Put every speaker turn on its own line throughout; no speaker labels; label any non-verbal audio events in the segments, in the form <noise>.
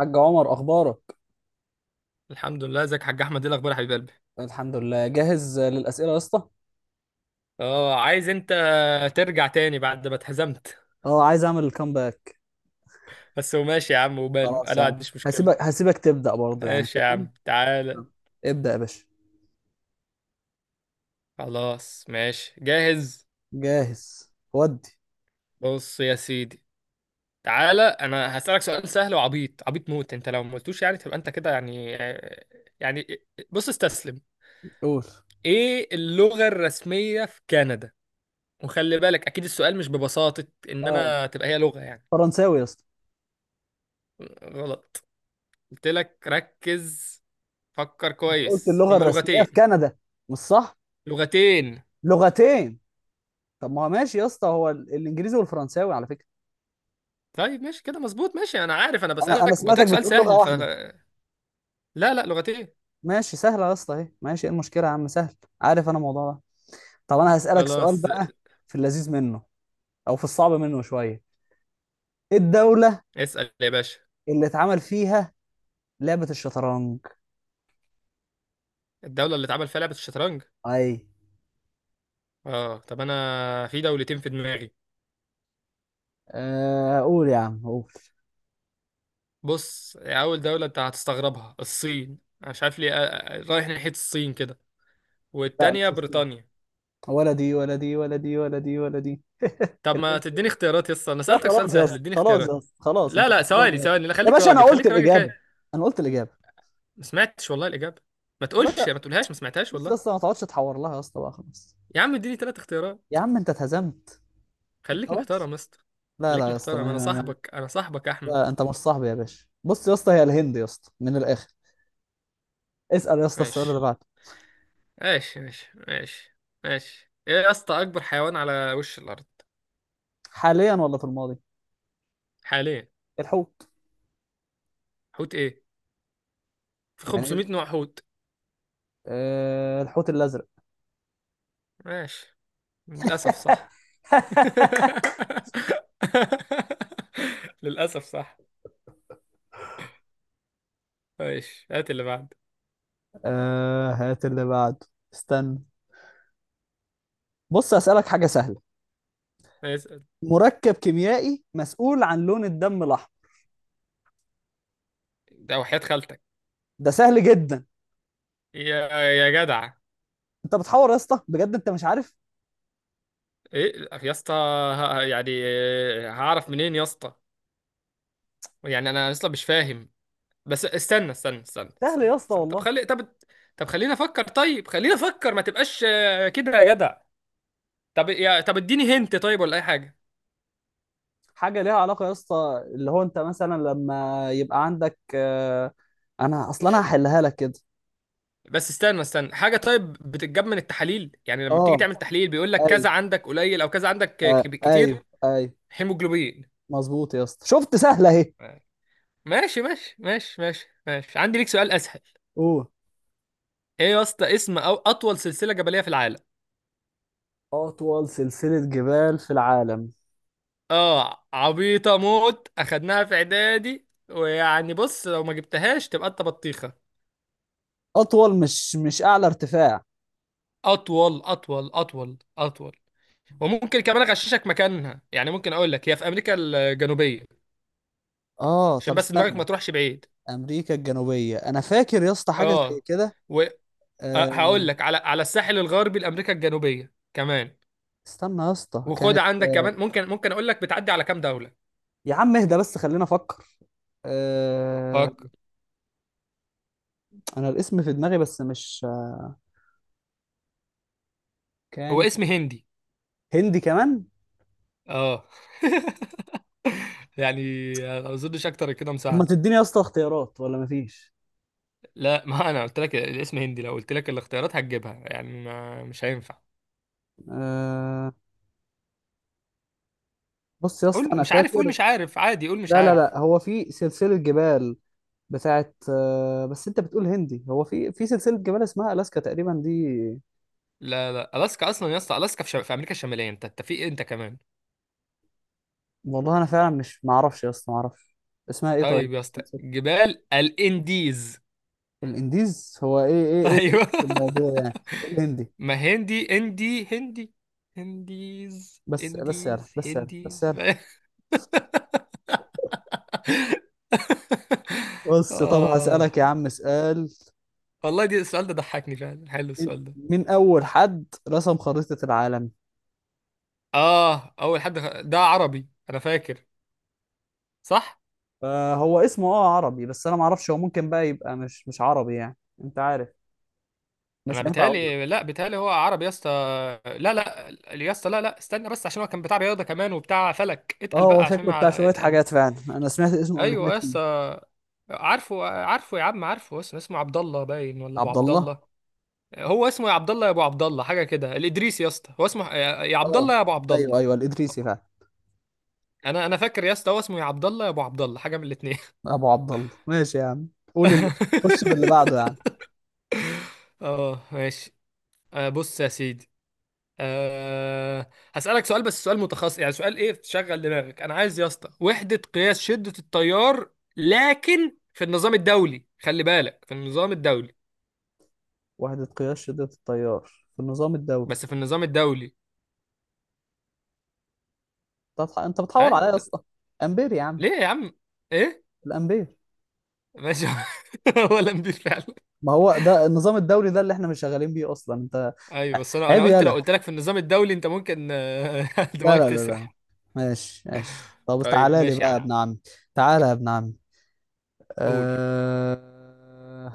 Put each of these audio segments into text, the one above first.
حاج عمر، اخبارك؟
الحمد لله. ازيك يا حاج احمد؟ ايه الاخبار يا حبيب قلبي؟
الحمد لله، جاهز للاسئله يا اسطى.
اه، عايز انت ترجع تاني بعد ما اتهزمت.
اه، عايز اعمل الكامباك.
بس هو ماشي يا عم، وباله انا
خلاص يا
ما
عم.
عنديش مشكله.
هسيبك تبدا برضه، يعني
ماشي يا
فاهم؟
عم، تعالى.
آه. ابدأ يا باشا.
خلاص ماشي، جاهز.
جاهز ودي.
بص يا سيدي، تعالى. انا هسألك سؤال سهل وعبيط، عبيط موت. انت لو ما قلتوش يعني تبقى انت كده يعني. بص، استسلم.
قول.
ايه اللغة الرسمية في كندا؟ وخلي بالك، اكيد السؤال مش ببساطة ان
اه،
انا تبقى هي لغة يعني.
فرنساوي يا اسطى.
غلط. قلت لك ركز. فكر
أنت قلت
كويس،
اللغه
هما
الرسميه في
لغتين.
كندا، مش صح؟
لغتين.
لغتين. طب ما هو ماشي يا اسطى، هو الانجليزي والفرنساوي على فكره.
طيب ماشي كده، مظبوط. ماشي، انا عارف انا
انا
بسألك، قلت لك
سمعتك
سؤال
بتقول لغه
سهل،
واحده.
لا لا، لغتين.
ماشي، سهلة يا اسطى اهي. ماشي، ايه المشكلة يا عم؟ سهل. عارف انا الموضوع ده. طب انا هسالك سؤال
خلاص.
بقى. في اللذيذ منه، او في الصعب منه شويه. ايه الدولة
اسأل يا باشا.
اللي اتعمل فيها لعبة الشطرنج؟
الدولة اللي اتعمل فيها لعبة الشطرنج؟
اي.
اه طب، انا في دولتين في دماغي.
آه، قول يا عم قول.
بص، اول دولة انت هتستغربها الصين، أنا مش عارف ليه، رايح ناحية الصين كده.
لا،
والتانية
مش هسكت.
بريطانيا.
ولا دي ولا دي ولا دي ولا دي ولا دي.
طب
اللي
ما
انت-
تديني اختيارات يا اسطى؟ انا
لا
سألتك سؤال
خلاص يا
سهل،
اسطى،
اديني
خلاص يا
اختيارات.
اسطى، خلاص،
لا
انت
لا،
خسران
ثواني
يا باشا.
ثواني، لا
يا
خليك
باشا، انا
راجل،
قلت
خليك راجل
الاجابة.
كده.
انا قلت الاجابة.
ما سمعتش والله الإجابة. ما
يا
تقولش،
باشا،
ما تقولهاش، ما سمعتهاش
بص يا
والله.
اسطى ما تقعدش تحور لها يا اسطى بقى، خلاص.
يا عم اديني ثلاث اختيارات.
يا عم انت اتهزمت.
خليك
خلاص.
محترم يا اسطى.
لا لا
خليك
يا اسطى،
محترم، انا
ما ما ما
صاحبك، انا صاحبك يا
لا
احمد.
انت مش صاحبي يا باشا. بص يا اسطى، هي الهند يا اسطى من الاخر. اسأل يا اسطى السؤال اللي
ماشي
بعده.
ماشي ماشي ماشي ماشي. ايه يا اسطى اكبر حيوان على وش الارض؟
حاليا ولا في الماضي؟
حاليا.
الحوت.
حوت ايه؟ في
يعني
500
ايه؟
نوع حوت.
أه، الحوت الأزرق.
ماشي. للاسف صح.
<laughs>
<laughs> للاسف صح. ماشي، هات اللي بعد.
أه، هات اللي بعده. استنى. بص، أسألك حاجة سهلة.
اسال.
مركب كيميائي مسؤول عن لون الدم الأحمر.
ده وحياة خالتك.
ده سهل جدا.
يا جدع.
أنت بتحور يا اسطى، بجد أنت مش عارف.
ايه يا اسطى؟ يعني هعرف منين يا اسطى؟ يعني انا اصلا مش فاهم. بس استنى استنى استنى
سهل
استنى،
يا اسطى
استنى. طب
والله.
طب طب خلينا افكر، طيب خلينا افكر ما تبقاش كده يا جدع. طب طب اديني هنت طيب ولا اي حاجه.
حاجة ليها علاقة يا اسطى، اللي هو أنت مثلا لما يبقى عندك أنا أصلا أنا هحلها لك كده.
بس استنى استنى حاجه. طيب بتتجاب من التحاليل، يعني لما بتيجي
أه،
تعمل تحليل بيقول لك كذا
أيوه.
عندك قليل او كذا عندك
آه،
كتير.
أيوه أيوه.
هيموجلوبين.
مظبوط يا اسطى، شفت سهلة أهي.
ماشي ماشي ماشي ماشي ماشي، عندي ليك سؤال اسهل.
أوه.
ايه يا اسطى اسم او اطول سلسله جبليه في العالم؟
أطول سلسلة جبال في العالم.
اه عبيطه موت، اخدناها في اعدادي، ويعني بص لو ما جبتهاش تبقى انت بطيخه.
أطول، مش أعلى ارتفاع.
اطول اطول اطول اطول. وممكن كمان اغششك مكانها، يعني ممكن اقول لك هي في امريكا الجنوبيه.
اه
عشان
طب
بس دماغك
استنى.
ما تروحش بعيد.
امريكا الجنوبيه، انا فاكر يا اسطى حاجه زي
اه.
كده.
وهقول
أه...
لك على الساحل الغربي لامريكا الجنوبيه كمان.
استنى يا اسطى
وخد
كانت.
عندك كمان، ممكن اقول لك بتعدي على كام دوله.
يا عم اهدى بس، خلينا افكر. أه...
فك.
انا الاسم في دماغي، بس مش
هو
كان.
اسم هندي.
هندي كمان.
اه. <laughs> يعني. ما اظنش اكتر كده
طب ما
مساعده.
تديني يا اسطى اختيارات ولا مفيش؟
لا، ما انا قلت لك الاسم هندي، لو قلت لك الاختيارات هتجيبها يعني، ما مش هينفع.
أه... بص يا اسطى
قول
انا
مش عارف، قول
فاكر.
مش عارف عادي، قول مش
لا لا
عارف.
لا، هو في سلسله جبال بتاعت بس انت بتقول هندي. هو في سلسله جبال اسمها الاسكا تقريبا دي.
لا لا، الاسكا اصلا يا اسطى، الاسكا في امريكا الشماليه. انت في ايه انت كمان؟
والله انا فعلا مش معرفش يا اسطى، معرفش. اسمها ايه طيب؟
طيب يا اسطى، جبال الانديز.
الانديز، هو ايه ايه
<laughs>
ايه الهندي
ايوه.
في الموضوع يعني؟ إيه الهندي؟
ما هندي اندي هندي. هنديز
بس بس يا رب،
انديز
بس يا رب، بس يا
هنديز.
رب.
<laughs>
بص طب
آه.
هسألك يا عم سؤال.
والله دي السؤال ده ضحكني فعلا، حلو السؤال ده.
مين أول حد رسم خريطة العالم؟
اه اول حد ده عربي انا فاكر. صح.
آه، هو اسمه عربي، بس أنا معرفش هو ممكن بقى يبقى مش عربي يعني. أنت عارف، مش
انا
هينفع أقول
بيتهيألي،
لك.
لا بيتهيألي هو عربي يا اسطى. لا لا. يا اسطى لا لا استنى، بس عشان هو كان بتاع رياضه كمان وبتاع فلك،
اه،
اتقل
هو
بقى عشان
شكله بتاع شوية
اتقل.
حاجات فعلا، أنا سمعت اسمه قبل كده
ايوه يا
كتير.
اسطى. عارفه عارفه يا عم عارفه، اسمه عبد الله باين، ولا ابو
عبد
عبد
الله.
الله. هو اسمه يا عبد الله يا ابو عبد الله، حاجه كده، الادريسي يا اسطى. هو اسمه يا عبد الله
اه،
يا ابو عبد الله.
أيوه أيوه الإدريسي فعلا.
انا فاكر يا اسطى، هو اسمه يا عبد الله يا ابو عبد الله، حاجه من الاثنين.
أبو عبد الله، ماشي يا عم. قول اللي خش باللي بعده يا عم.
<laughs> اه ماشي. آه، بص يا سيدي. هسألك سؤال، بس سؤال متخصص، يعني سؤال ايه تشغل دماغك، انا عايز يا اسطى وحدة قياس شدة التيار. لكن في النظام الدولي، خلي بالك في النظام الدولي.
وحدة قياس شدة التيار في النظام الدولي.
بس في النظام الدولي.
طب انت بتحور عليا
ايوه
يا
بس.
اسطى. امبير يا عم.
ليه يا عم؟ ايه؟
الامبير.
ماشي. <laughs> هو لمبي فعلا.
ما هو ده النظام الدوري ده اللي احنا مش شغالين بيه اصلا انت.
ايوه بس، انا
عيب
قلت لو
يالا.
قلت لك في النظام الدولي انت ممكن. <laughs>
لا
دماغك
لا لا لا.
تسرح.
ماشي ماشي، طب
طيب
تعالى لي
ماشي يا
بقى يا
عم.
ابن عمي. تعالى يا ابن عمي.
قول.
أه...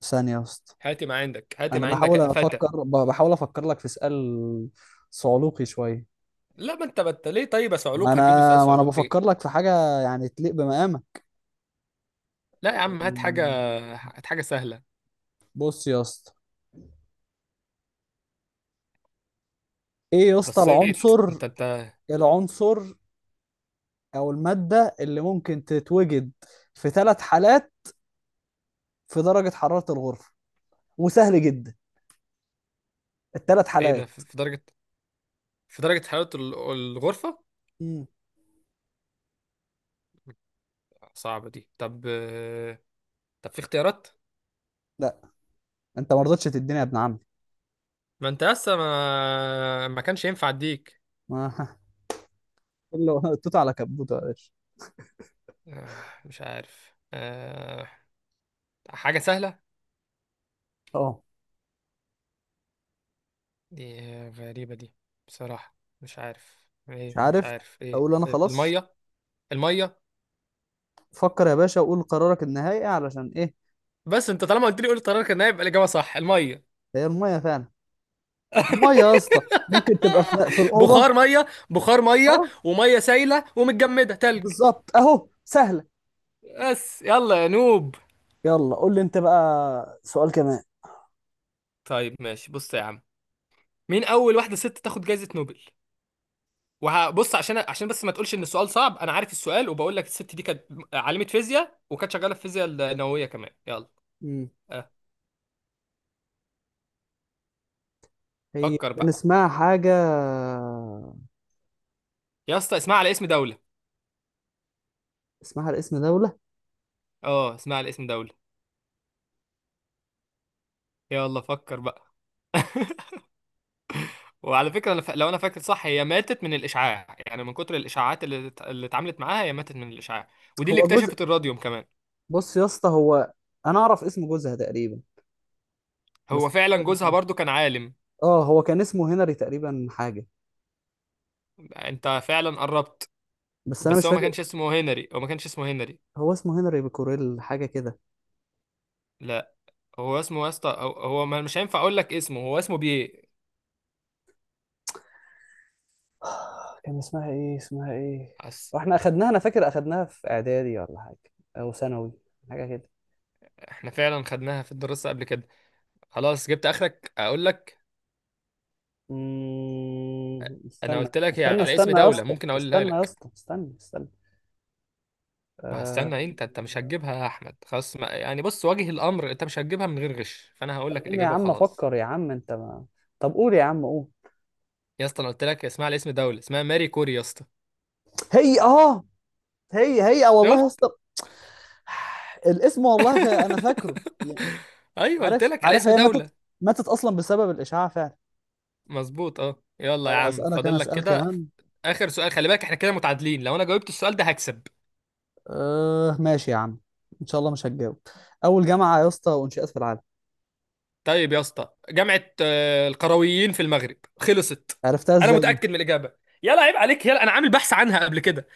ثانية يا اسطى.
هاتي ما عندك، هاتي
انا
ما عندك
بحاول
يا فتى.
افكر، بحاول افكر لك في سؤال صعلوقي شوية.
لا، ما انت ليه، طيب يا
ما
صعلوك
انا
هتجيب له سؤال
ما انا
صعلوك؟
بفكر
ايه؟
لك في حاجة يعني تليق بمقامك.
لا يا عم،
أه،
هات حاجة. هات حاجة سهلة.
بص يا اسطى، ايه يا اسطى
بصيت
العنصر،
انت
العنصر او المادة اللي ممكن تتوجد في ثلاث حالات في درجة حرارة الغرفة. وسهل جدا، الثلاث
ايه ده؟
حالات.
في درجة، في درجة حرارة الغرفة.
مم.
صعبة دي طب. طب في اختيارات؟
لا، انت ما رضتش تديني يا ابن عمي.
ما انت لسه ما كانش ينفع اديك.
ما <laughs> كله توت على كبوته يا باشا.
مش عارف. حاجة سهلة.
اه،
دي غريبة دي. بصراحة مش عارف
مش
ايه، مش
عارف.
عارف ايه.
اقول انا خلاص.
المية. المية.
فكر يا باشا وقول قرارك النهائي، علشان ايه؟
بس انت طالما قلت قرار، كان هيبقى الإجابة صح المية.
هي المية فعلا. المية يا اسطى. ممكن تبقى في الأوضة.
بخار مية، بخار مية،
اه،
ومية سايلة، ومتجمدة تلج.
بالظبط اهو، سهلة.
بس يلا يا نوب.
يلا قول لي انت بقى سؤال كمان.
طيب ماشي بص يا عم. مين اول واحده ست تاخد جائزه نوبل؟ وهبص عشان بس ما تقولش ان السؤال صعب. انا عارف السؤال، وبقول لك الست دي كانت عالمه فيزياء، وكانت شغاله في الفيزياء النوويه كمان. يلا.
مم.
أه.
هي
فكر بقى.
نسمعها حاجة.
يا اسطى اسمها على اسم دوله.
اسمها الاسم دولة.
اه اسمها على اسم دوله. يلا فكر بقى. <laughs> وعلى فكره، أنا لو انا فاكر صح، هي ماتت من الاشعاع، يعني من كتر الاشاعات اللي اللي اتعاملت معاها. هي ماتت من الاشعاع. ودي اللي
هو جزء.
اكتشفت الراديوم كمان.
بص يا اسطى، هو انا اعرف اسم جوزها تقريبا، بس
هو
مش
فعلا
عارف
جوزها
اسمه.
برضو كان عالم.
اه، هو كان اسمه هنري تقريبا حاجه.
انت فعلا قربت.
بس انا
بس
مش
هو ما
فاكر.
كانش اسمه هنري، هو ما كانش اسمه هنري.
هو اسمه هنري بكوريل حاجه كده.
لا. هو اسمه يا اسطى، هو مش هينفع اقول لك اسمه، هو بيه.
<sighs> كان اسمها ايه؟ اسمها ايه؟
أس...
واحنا اخدناها، انا فاكر اخدناها في اعدادي ولا حاجه، او ثانوي، حاجه كده.
احنا فعلا خدناها في الدراسة قبل كده. خلاص جبت اخرك اقول لك. انا
استنى.
قلت لك هي
استنى
على اسم
استنى يا
دولة،
اسطى،
ممكن اقولها
استنى يا
لك.
اسطى، استنى استنى.
ما
آه،
هستنى، انت مش هتجيبها يا احمد، خلاص ما... يعني بص، واجه الامر، انت مش هتجيبها من غير غش، فانا هقول لك
خليني يا
الاجابة
عم
وخلاص.
افكر يا عم، انت ما... طب قول يا عم قول.
يا اسطى انا قلت لك اسمها على اسم دولة، اسمها ماري كوري يا اسطى.
هي هي هي والله يا
شفت؟
اسطى. الاسم والله انا فاكره
<laughs>
يعني.
ايوه، قلت
عارف
لك على
عارف،
اسم
هي ماتت.
دولة.
ماتت اصلا بسبب الاشاعه فعلا.
مظبوط اه. يلا يا
طب
عم
هسالك انا،
فاضل لك
اسال
كده.
كمان.
اخر سؤال، خلي بالك احنا كده متعادلين، لو انا جاوبت السؤال ده هكسب.
أه ماشي يا عم. ان شاء الله مش هتجاوب. اول جامعه يا اسطى وانشئت في العالم.
طيب يا اسطى، جامعة القرويين في المغرب، خلصت.
عرفتها
انا
ازاي دي؟
متأكد من الإجابة. يلا عيب عليك، يلا انا عامل بحث عنها قبل كده.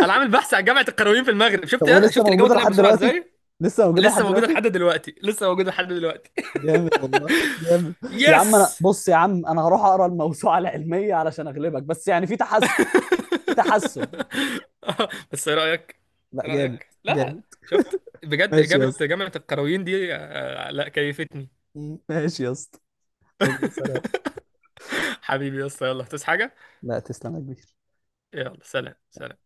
انا عامل بحث عن جامعة القرويين في المغرب،
طب
شفت؟
وهي
يلا
لسه
شفت الإجابة
موجوده
طلعت
لحد
بسرعة
دلوقتي؟
ازاي؟
لسه موجوده
لسه
لحد
موجودة
دلوقتي؟
لحد دلوقتي، لسه موجودة لحد دلوقتي.
جامد والله. جامد.
<laughs>
يا عم انا،
يس.
بص يا عم، انا هروح اقرا الموسوعه <laughs> العلميه علشان اغلبك، بس يعني في تحسن. في تحسن.
<laughs> آه، بس ايه رأيك؟
لا،
ايه
جامد.
رأيك؟ لا،
جامد.
شفت بجد
ماشي يا
إجابة
اسطى.
جامعة القرويين دي؟ لا كيفتني.
ماشي يا اسطى. يلا سلام.
<laughs> حبيبي يا اسطى، يلا تصحى حاجة.
لا، تسلم يا كبير.
يلا سلام سلام.